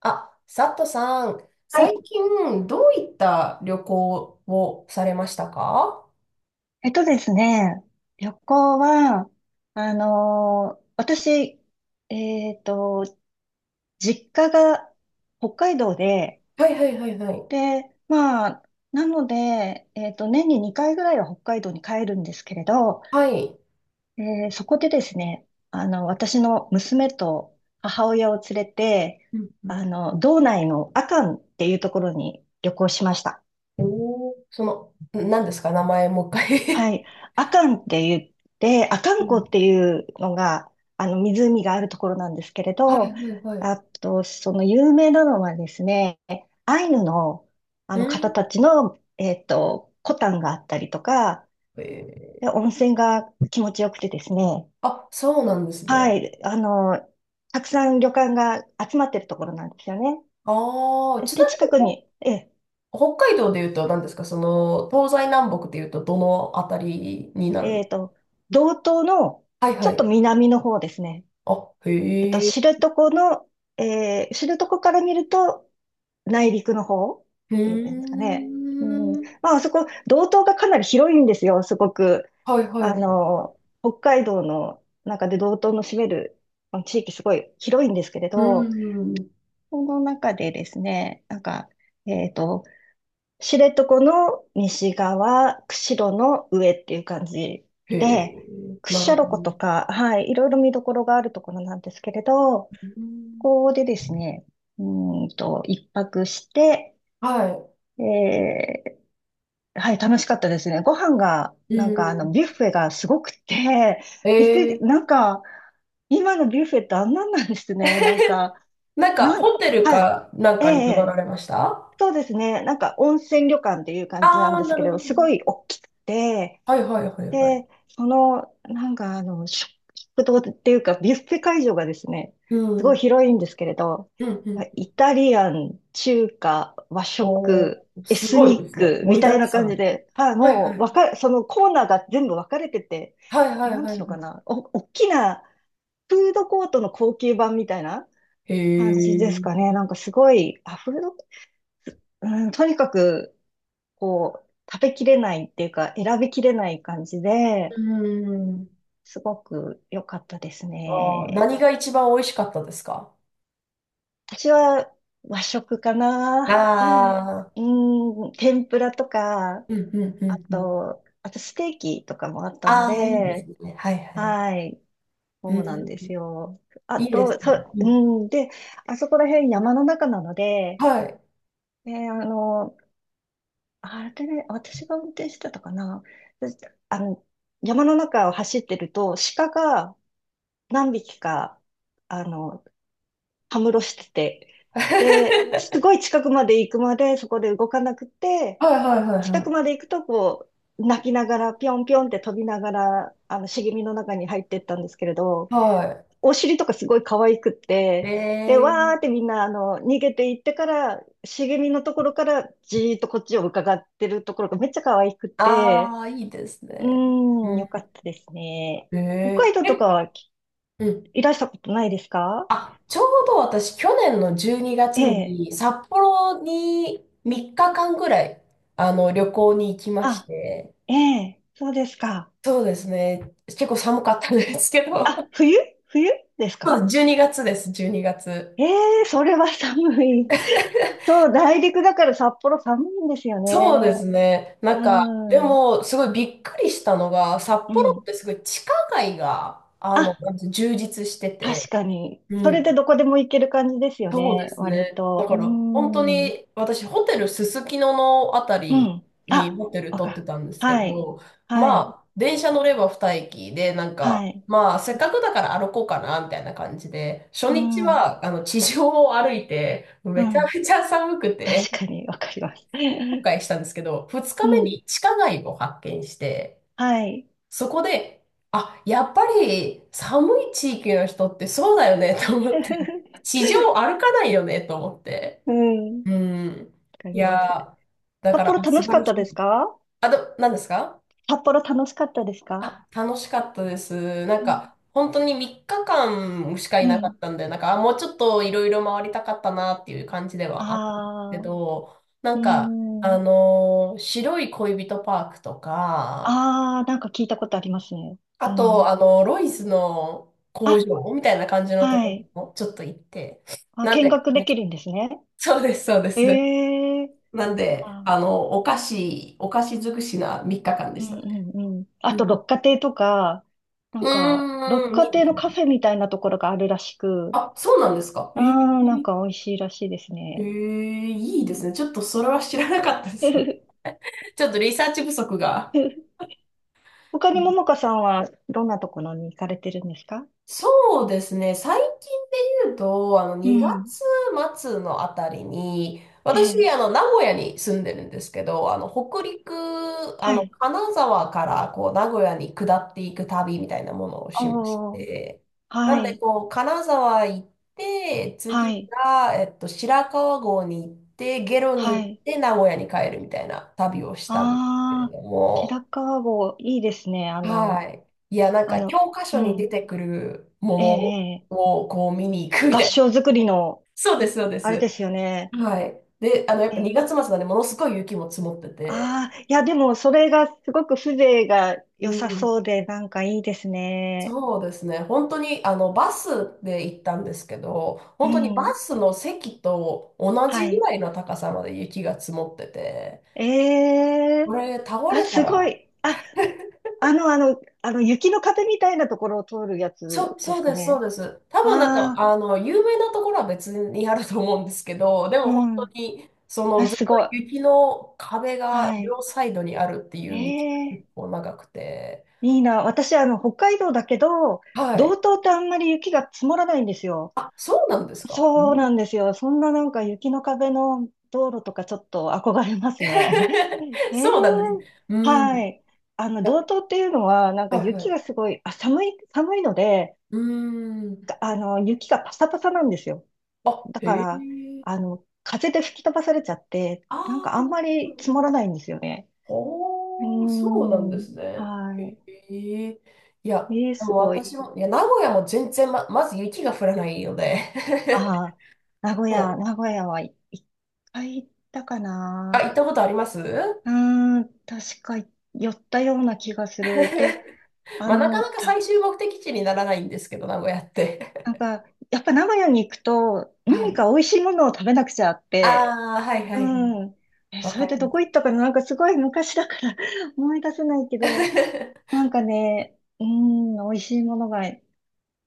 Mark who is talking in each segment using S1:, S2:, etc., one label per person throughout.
S1: あ、佐藤さん、
S2: は
S1: 最
S2: い。
S1: 近どういった旅行をされましたか？
S2: えっとですね、旅行は、私、えっと、実家が北海道で、
S1: はいはいはいはい。
S2: で、まあ、なので、えっと、年に2回ぐらいは北海道に帰るんですけれど、
S1: はい。
S2: そこでですね、私の娘と母親を連れて、
S1: うんうん。
S2: 道内の阿寒っていうところに旅行しました。
S1: おー、その、何ですか、名前もう一
S2: は
S1: 回？
S2: い。アカンってアカ
S1: う
S2: ン湖っ
S1: ん。
S2: ていうのが、湖があるところなんですけれ
S1: はい
S2: ど、
S1: はいはい。
S2: あと、その有名なのはですね、アイヌの、あの
S1: う
S2: 方
S1: ん。
S2: たちの、コタンがあったりとか、
S1: えー
S2: で、温泉が気持ちよくてですね。
S1: あ、そうなんですね。
S2: はい、たくさん旅館が集まってるところなんですよね。
S1: ああ、ち
S2: で、
S1: なみ
S2: 近
S1: に
S2: くに、え、
S1: 北海道で言うと何ですか、その、東西南北で言うとどのあたりになるの？
S2: えっと、道東の
S1: はい
S2: ち
S1: は
S2: ょっと
S1: い。
S2: 南の方ですね。
S1: あ、へえ。
S2: 知床の、えー、知床から見ると内陸の方っ
S1: うー
S2: ていうんですかね。うん。ま
S1: ん。
S2: あ、あそこ、道東がかなり広いんですよ、すごく。
S1: はいはい
S2: あ
S1: はい。う
S2: の、北海道の中で道東の占めるまあの地域すごい広いんですけれ
S1: ー
S2: ど、
S1: ん。
S2: この中でですね、えっと、知床の西側、釧路の上っていう感じ
S1: へえ、
S2: で、
S1: な
S2: 屈
S1: るほ
S2: 斜路湖と
S1: ど。
S2: か、はい、いろいろ見どころがあるところなんですけれど、
S1: うん。
S2: ここでですね、う一泊して、
S1: は
S2: えはい、楽しかったですね。ご飯が、
S1: い。うん。
S2: ビュッフェがすごくて、
S1: え
S2: びっくり、
S1: え。
S2: なんか、今のビュッフェってあんなんなんですね。
S1: なんか、
S2: なん、
S1: ホテル
S2: はい。
S1: かなん
S2: ええ、
S1: かに
S2: え
S1: 泊まら
S2: え、
S1: れました？
S2: そうですね。なんか温泉旅館っていう感じな
S1: あ
S2: ん
S1: あ
S2: で
S1: ー、
S2: す
S1: な
S2: け
S1: るほ
S2: ど、
S1: ど、
S2: す
S1: なる
S2: ご
S1: ほど。
S2: い大きくて、
S1: はいはいはいはい。
S2: で、その、食堂っていうか、ビュッフェ会場がですね、
S1: う
S2: すご
S1: ん。
S2: い広いんですけれど、
S1: うん、うん。
S2: イタリアン、中華、和
S1: おー、
S2: 食、エ
S1: す
S2: ス
S1: ごいで
S2: ニッ
S1: すね。
S2: ク
S1: 盛
S2: み
S1: り
S2: た
S1: だ
S2: い
S1: く
S2: な
S1: さ
S2: 感じ
S1: ん。
S2: で、はい、
S1: はいはい。
S2: もう、わか、そのコーナーが全部分かれてて、
S1: はいはい
S2: なん
S1: は
S2: てい
S1: い
S2: うの
S1: は
S2: か
S1: い。
S2: な、大きなフードコートの高級版みたいな
S1: へ
S2: 感じですか
S1: え。
S2: ね。なんかすごい、あ、フード、うん、とにかく、こう、食べきれないっていうか、選びきれない感じで、
S1: うん。
S2: すごく良かったです
S1: ああ、
S2: ね。
S1: 何が一番美味しかったですか？
S2: 私は和食かな。
S1: ああ
S2: うん、天ぷらとか、
S1: ー、うんうんうんうん。
S2: あとステーキとかもあったの
S1: ああ、いいです
S2: で、
S1: ね。はいはい。
S2: はい、
S1: う
S2: そうなんで
S1: ん。
S2: すよ。あ
S1: いいです
S2: と、
S1: ね。
S2: そ、
S1: う
S2: う
S1: ん。
S2: ん、で、あそこら辺山の中なので、
S1: はい。
S2: えーあの、あれね、私が運転してたかな。私、あの、山の中を走ってると、鹿が何匹か、あの、たむろしてて、で、すご
S1: は
S2: い近くまで行くまでそこで動かなくて、
S1: いはいはい
S2: 近く
S1: は
S2: まで行くとこう、泣きながら、ぴょんぴょんって飛びながら、茂みの中に入ってったんですけれど、
S1: い。は
S2: お尻とかすごい可愛くっ
S1: い。
S2: て、で、
S1: え
S2: わ
S1: ー、
S2: ーってみんな、逃げていってから、茂みのところからじーっとこっちを伺ってるところがめっちゃ可愛く
S1: あ
S2: て、
S1: あ、いいです
S2: う
S1: ね。
S2: ー
S1: う
S2: ん、よか
S1: ん。
S2: ったですね。
S1: え
S2: 北
S1: え
S2: 海道とか
S1: え、
S2: はき、
S1: うん。
S2: いらしたことないですか？
S1: あ、ちょうど私、去年の12月
S2: え
S1: にがつ
S2: え。
S1: に札幌に3日間ぐらい、旅行に行きまし
S2: あ、
S1: て、
S2: ええ、そうですか。
S1: そうですね。結構寒かったんですけ
S2: あ、
S1: ど、
S2: 冬です
S1: そうです、
S2: か？
S1: 12月です、12月。
S2: ええ、それは寒い。そう、内陸だから札幌寒いんですよね。
S1: そうですね。な
S2: う
S1: んか、で
S2: ん、う
S1: も、すごいびっくりしたのが、札幌っ
S2: ん。
S1: てすごい地下街が、
S2: あ、
S1: なんて充実して
S2: 確
S1: て、
S2: かに。そ
S1: う
S2: れで
S1: ん。
S2: どこでも行ける感じですよ
S1: そうで
S2: ね、
S1: す
S2: 割
S1: ね。だ
S2: と。う
S1: から、本当
S2: ん、
S1: に、私、ホテルすすきののあた
S2: う
S1: り
S2: ん。
S1: に
S2: あ、
S1: ホテル
S2: わ
S1: 取
S2: か
S1: って
S2: る。
S1: たんですけ
S2: はい、
S1: ど、
S2: はい、
S1: まあ、電車乗れば二駅で、なん
S2: は
S1: か、
S2: い。
S1: まあ、せっかくだから歩こうかな、みたいな感じで、初
S2: う
S1: 日
S2: ん、うん。
S1: は、地上を歩いて、めちゃめちゃ寒くて、
S2: 確かに、わかります。
S1: 今回 したんですけど、2
S2: う
S1: 日目
S2: ん、
S1: に地下街を発見して、
S2: はい。
S1: そこで、あ、やっぱり寒い地域の人ってそうだよねと思って、地上 歩かないよねと思って。
S2: うん、わ
S1: うん。
S2: か
S1: い
S2: り
S1: や
S2: ます。
S1: ー、だ
S2: 札
S1: から、
S2: 幌
S1: あ、
S2: 楽
S1: 素
S2: しか
S1: 晴
S2: っ
S1: らし
S2: たで
S1: い。
S2: すか？
S1: あと、何ですか？
S2: 札幌楽しかったですか
S1: あ、楽しかったです。なん
S2: うん。
S1: か、本当に3日間しかい
S2: う
S1: なかっ
S2: ん。
S1: たんで、なんか、あ、もうちょっといろいろ回りたかったなっていう感じではあったんですけ
S2: ああ、う
S1: ど、な
S2: ー
S1: んか、
S2: ん。
S1: 白い恋人パークとか、
S2: ああ、なんか聞いたことありますね。
S1: あ
S2: う
S1: と、
S2: ん。
S1: ロイスの工
S2: あ、
S1: 場みたいな感じのと
S2: は
S1: こ
S2: い。
S1: ろもちょっと行って、
S2: あ、
S1: なん
S2: 見
S1: で、
S2: 学できるんですね。
S1: そうです、そうです。
S2: ええ。
S1: なんで、
S2: あ、
S1: お菓子尽くしな3日間で
S2: う
S1: した
S2: ん
S1: ね。
S2: うんうん。あ
S1: うん、
S2: と、六花亭とか、な
S1: う
S2: んか、六
S1: ーん、い
S2: 花
S1: い
S2: 亭
S1: です
S2: の
S1: ね。
S2: カフェみたいなところがあるらしく、
S1: あ、そうなんですか。え
S2: ああ、なん
S1: ー、
S2: か美味しいらしいです
S1: え
S2: ね。
S1: え、いい
S2: う
S1: ですね。
S2: ん。
S1: ちょっとそれは知らなかったです。ちょっとリサーチ不足が。
S2: 他にももかさんはどんなところに行かれてるんですか？
S1: そうですね。最近で言うと、
S2: う
S1: 2
S2: ん。
S1: 月末のあたりに、
S2: え
S1: 私、
S2: え、
S1: 名古屋に住んでるんですけど、北陸、
S2: はい。
S1: 金沢から、こう、名古屋に下っていく旅みたいなものをしまし
S2: おー、
S1: て、
S2: は
S1: なんで、
S2: い、
S1: こう、金沢行って、
S2: は
S1: 次
S2: い、
S1: が、白川郷に行って、下呂に
S2: は
S1: 行っ
S2: い。
S1: て、名古屋に帰るみたいな旅をしたんですけれ
S2: ああ、
S1: ど
S2: 白
S1: も、
S2: 川郷、いいですね。
S1: はい。いや、なん
S2: あ
S1: か
S2: の、
S1: 教科
S2: う
S1: 書に出
S2: ん、
S1: てくる
S2: え
S1: も
S2: え、え
S1: の
S2: え、
S1: をこう見に行くみ
S2: 合
S1: たいな。
S2: 掌造り の、
S1: そうです、そうで
S2: あれで
S1: す。
S2: すよね。
S1: はい。で、やっ
S2: え
S1: ぱ
S2: え、
S1: 2月末なんで、ものすごい雪も積もってて。
S2: ああー、いや、でも、それがすごく風情が
S1: う
S2: 良さ
S1: ん。
S2: そうで、なんかいいですね。
S1: そうですね。本当に、バスで行ったんですけど、
S2: う
S1: 本当にバ
S2: ん、
S1: スの席と同
S2: は
S1: じぐ
S2: い。
S1: らいの高さまで雪が積もってて、
S2: え
S1: こ
S2: え、
S1: れ倒
S2: あ、
S1: れた
S2: すご
S1: ら。
S2: い。あの、雪の壁みたいなところを通るや
S1: そ
S2: つ
S1: う、
S2: で
S1: そ
S2: す
S1: う
S2: か
S1: です、そ
S2: ね。
S1: うです。多分なんか、
S2: ああ、
S1: 有名なところは別にあると思うんですけど、で
S2: う
S1: も本当
S2: ん。
S1: に、その
S2: あ、
S1: ずっ
S2: す
S1: と
S2: ごい。
S1: 雪の壁が
S2: はい。
S1: 両サイドにあるっていう道が
S2: え
S1: 結
S2: え、
S1: 構長くて、
S2: いいな。私、北海道だけど、
S1: は
S2: 道
S1: い。
S2: 東ってあんまり雪が積もらないんですよ。
S1: あ、そうなんですか。え
S2: そう
S1: ー。
S2: なんですよ。そんななんか雪の壁の道路とかちょっと憧れますね。ええ、
S1: そうなんですね。うん。
S2: は
S1: い
S2: い。
S1: や、
S2: 道東っていうのは、なんか
S1: はいは
S2: 雪
S1: い。
S2: がすごい、あ、寒い、寒いので、
S1: うん。
S2: か雪がパサパサなんですよ。
S1: あ、
S2: だか
S1: へ
S2: ら、
S1: え。
S2: 風で吹き飛ばされちゃって、
S1: あ
S2: なんかあ
S1: あ、
S2: ん
S1: なる
S2: ま
S1: ほ
S2: り積
S1: ど。
S2: もらないんですよね。うー
S1: おー、そうなん
S2: ん。
S1: ですね。
S2: はい。
S1: へえ。いや、
S2: ええ、
S1: で
S2: す
S1: も
S2: ごい。
S1: 私も、いや、名古屋も全然、まず雪が降らないので。
S2: ああ、
S1: そう。
S2: 名古屋は、い、一回行ったか
S1: あ、
S2: な。
S1: 行ったことあります。
S2: う ーん、確か寄ったような気がする。で、あ
S1: まあ、なか
S2: の、
S1: なか最
S2: た、
S1: 終目的地にならないんですけど、名古屋って。
S2: なんか、やっぱ名古屋に行くと
S1: は
S2: 何
S1: い。
S2: か美味しいものを食べなくちゃあって、
S1: ああ、はいは
S2: う
S1: いはい。
S2: ん。え、
S1: わ
S2: そ
S1: か
S2: れ
S1: り
S2: で
S1: ま
S2: どこ行ったかな、なんかすごい昔だから 思い出せないけど、
S1: す。
S2: なんかね、うーん、美味しいものが、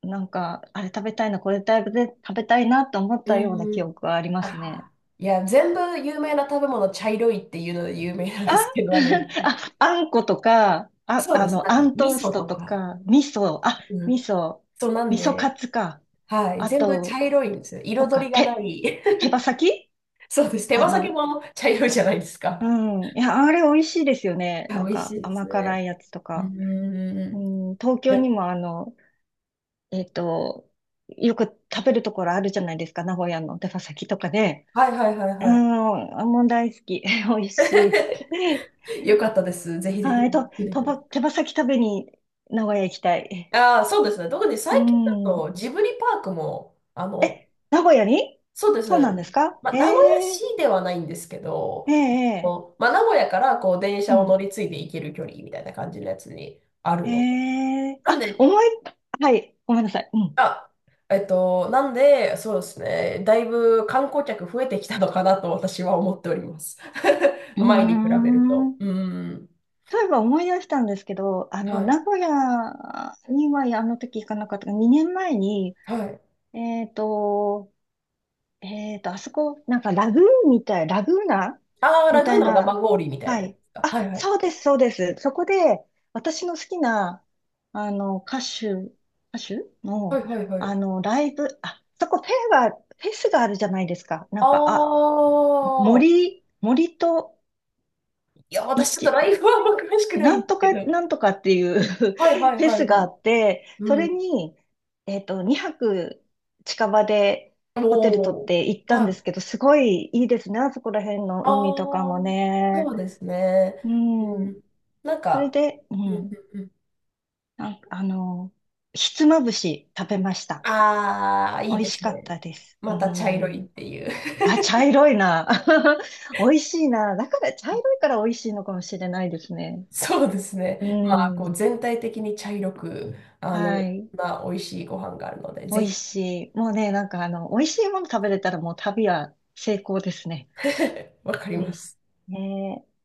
S2: なんか、あれ食べたいな、これ食べたいなと思っ た
S1: う
S2: ような記
S1: ん。
S2: 憶がありま
S1: あ
S2: すね。
S1: あ。いや、全部有名な食べ物、茶色いっていうので有名なん
S2: あ、
S1: ですけど、名古屋って。
S2: あ、あんことか、
S1: そうです。なん
S2: あ
S1: か、
S2: ん
S1: 味
S2: トース
S1: 噌
S2: ト
S1: と
S2: と
S1: か。
S2: か、
S1: うん。
S2: 味噌、
S1: そうなん
S2: 味噌
S1: で、
S2: カツか。
S1: はい、
S2: あ
S1: 全部茶
S2: と、
S1: 色いんですよ。
S2: と
S1: 彩
S2: か、
S1: りがな
S2: 手、
S1: い。
S2: 手羽先、
S1: そうです。手
S2: あ
S1: 羽先
S2: の、
S1: も茶色いじゃないです
S2: う
S1: か。
S2: ん。いや、あれ美味しいですよね。
S1: いや、
S2: なん
S1: 美味し
S2: か
S1: いです
S2: 甘
S1: ね。
S2: 辛いやつと
S1: う
S2: か。
S1: ー
S2: う
S1: ん。い
S2: ん、東京に
S1: や、
S2: もえっと、よく食べるところあるじゃないですか。名古屋の手羽先とかで。
S1: はいはいはい
S2: うん、
S1: はい。
S2: もう大好き。美味しい。
S1: よかったです。ぜ ひぜひ
S2: はい、と、
S1: 見て
S2: と
S1: くださ
S2: ば、
S1: い。
S2: 手羽先食べに名古屋行きたい。
S1: ああ、そうですね。特に
S2: う
S1: 最近だ
S2: ん。
S1: とジブリパークも、
S2: 名古屋に？
S1: そうで
S2: そうなんで
S1: す。
S2: すか？
S1: まあ、
S2: え
S1: 名古屋
S2: え、
S1: 市ではないんですけど、
S2: ええ、え
S1: こ
S2: え。
S1: う、まあ、名古屋からこう電
S2: う
S1: 車を乗
S2: ん。
S1: り継いで行ける距離みたいな感じのやつにある
S2: え
S1: ので。
S2: え、
S1: なんで、
S2: はい、ごめんなさい。うん。
S1: あ、そうですね、だいぶ観光客増えてきたのかなと私は思っております。
S2: うー
S1: 前に比べると。
S2: ん。
S1: うん。
S2: そういえば思い出したんですけど、あの、
S1: はい。
S2: 名古屋にはあの時行かなかった。2年前に、
S1: はい。
S2: えっと、あそこ、ラグーナ
S1: ああ、
S2: み
S1: ラグ
S2: たい
S1: ーナ生
S2: な、
S1: 氷みたい
S2: は
S1: なやつ
S2: い。
S1: か。
S2: あ、
S1: はいはい。
S2: そうです、そうです。そこで、私の好きな、あの、歌手、歌手
S1: は
S2: の、
S1: いはいは
S2: あ
S1: い。
S2: の、ライブ、あ、そこフェ、フェスがあるじゃないですか。
S1: ああ、
S2: 森と
S1: いや、私ちょっと
S2: 市、
S1: ライフはあんま詳しくないんですけど。
S2: なんとかっていう フ
S1: はいはい
S2: ェ
S1: はい
S2: スが
S1: は
S2: あ
S1: い。
S2: って、そ
S1: う
S2: れ
S1: ん。
S2: に、2泊近場でホテル取っ
S1: おお。
S2: て行った
S1: はい。
S2: んです
S1: あ
S2: けど、すごいいいですね。あそこら辺の海とか
S1: あ、
S2: もね。
S1: そうですね。
S2: う
S1: う
S2: ん。
S1: ん。なん
S2: それ
S1: か、
S2: で、う
S1: うんう
S2: ん。
S1: んうん。
S2: なんかあの、ひつまぶし食べました。
S1: ああ、い
S2: 美
S1: い
S2: 味
S1: で
S2: し
S1: す
S2: かっ
S1: ね。
S2: たです。う
S1: また茶色いっ
S2: ん。
S1: ていう。
S2: あ、茶色いな。美味しいな。だから、茶色いから美味しいのかもしれないですね。
S1: そうです
S2: う
S1: ね。まあ、こ
S2: ん。
S1: う全体的に茶色く、
S2: は
S1: い
S2: い。
S1: ろんな美味しいご飯があるので、
S2: 美
S1: ぜ
S2: 味
S1: ひ。
S2: しい。もうね、美味しいもの食べれたらもう旅は成功ですね。
S1: わかり
S2: 美
S1: ま
S2: 味し
S1: す。
S2: い。ねえ。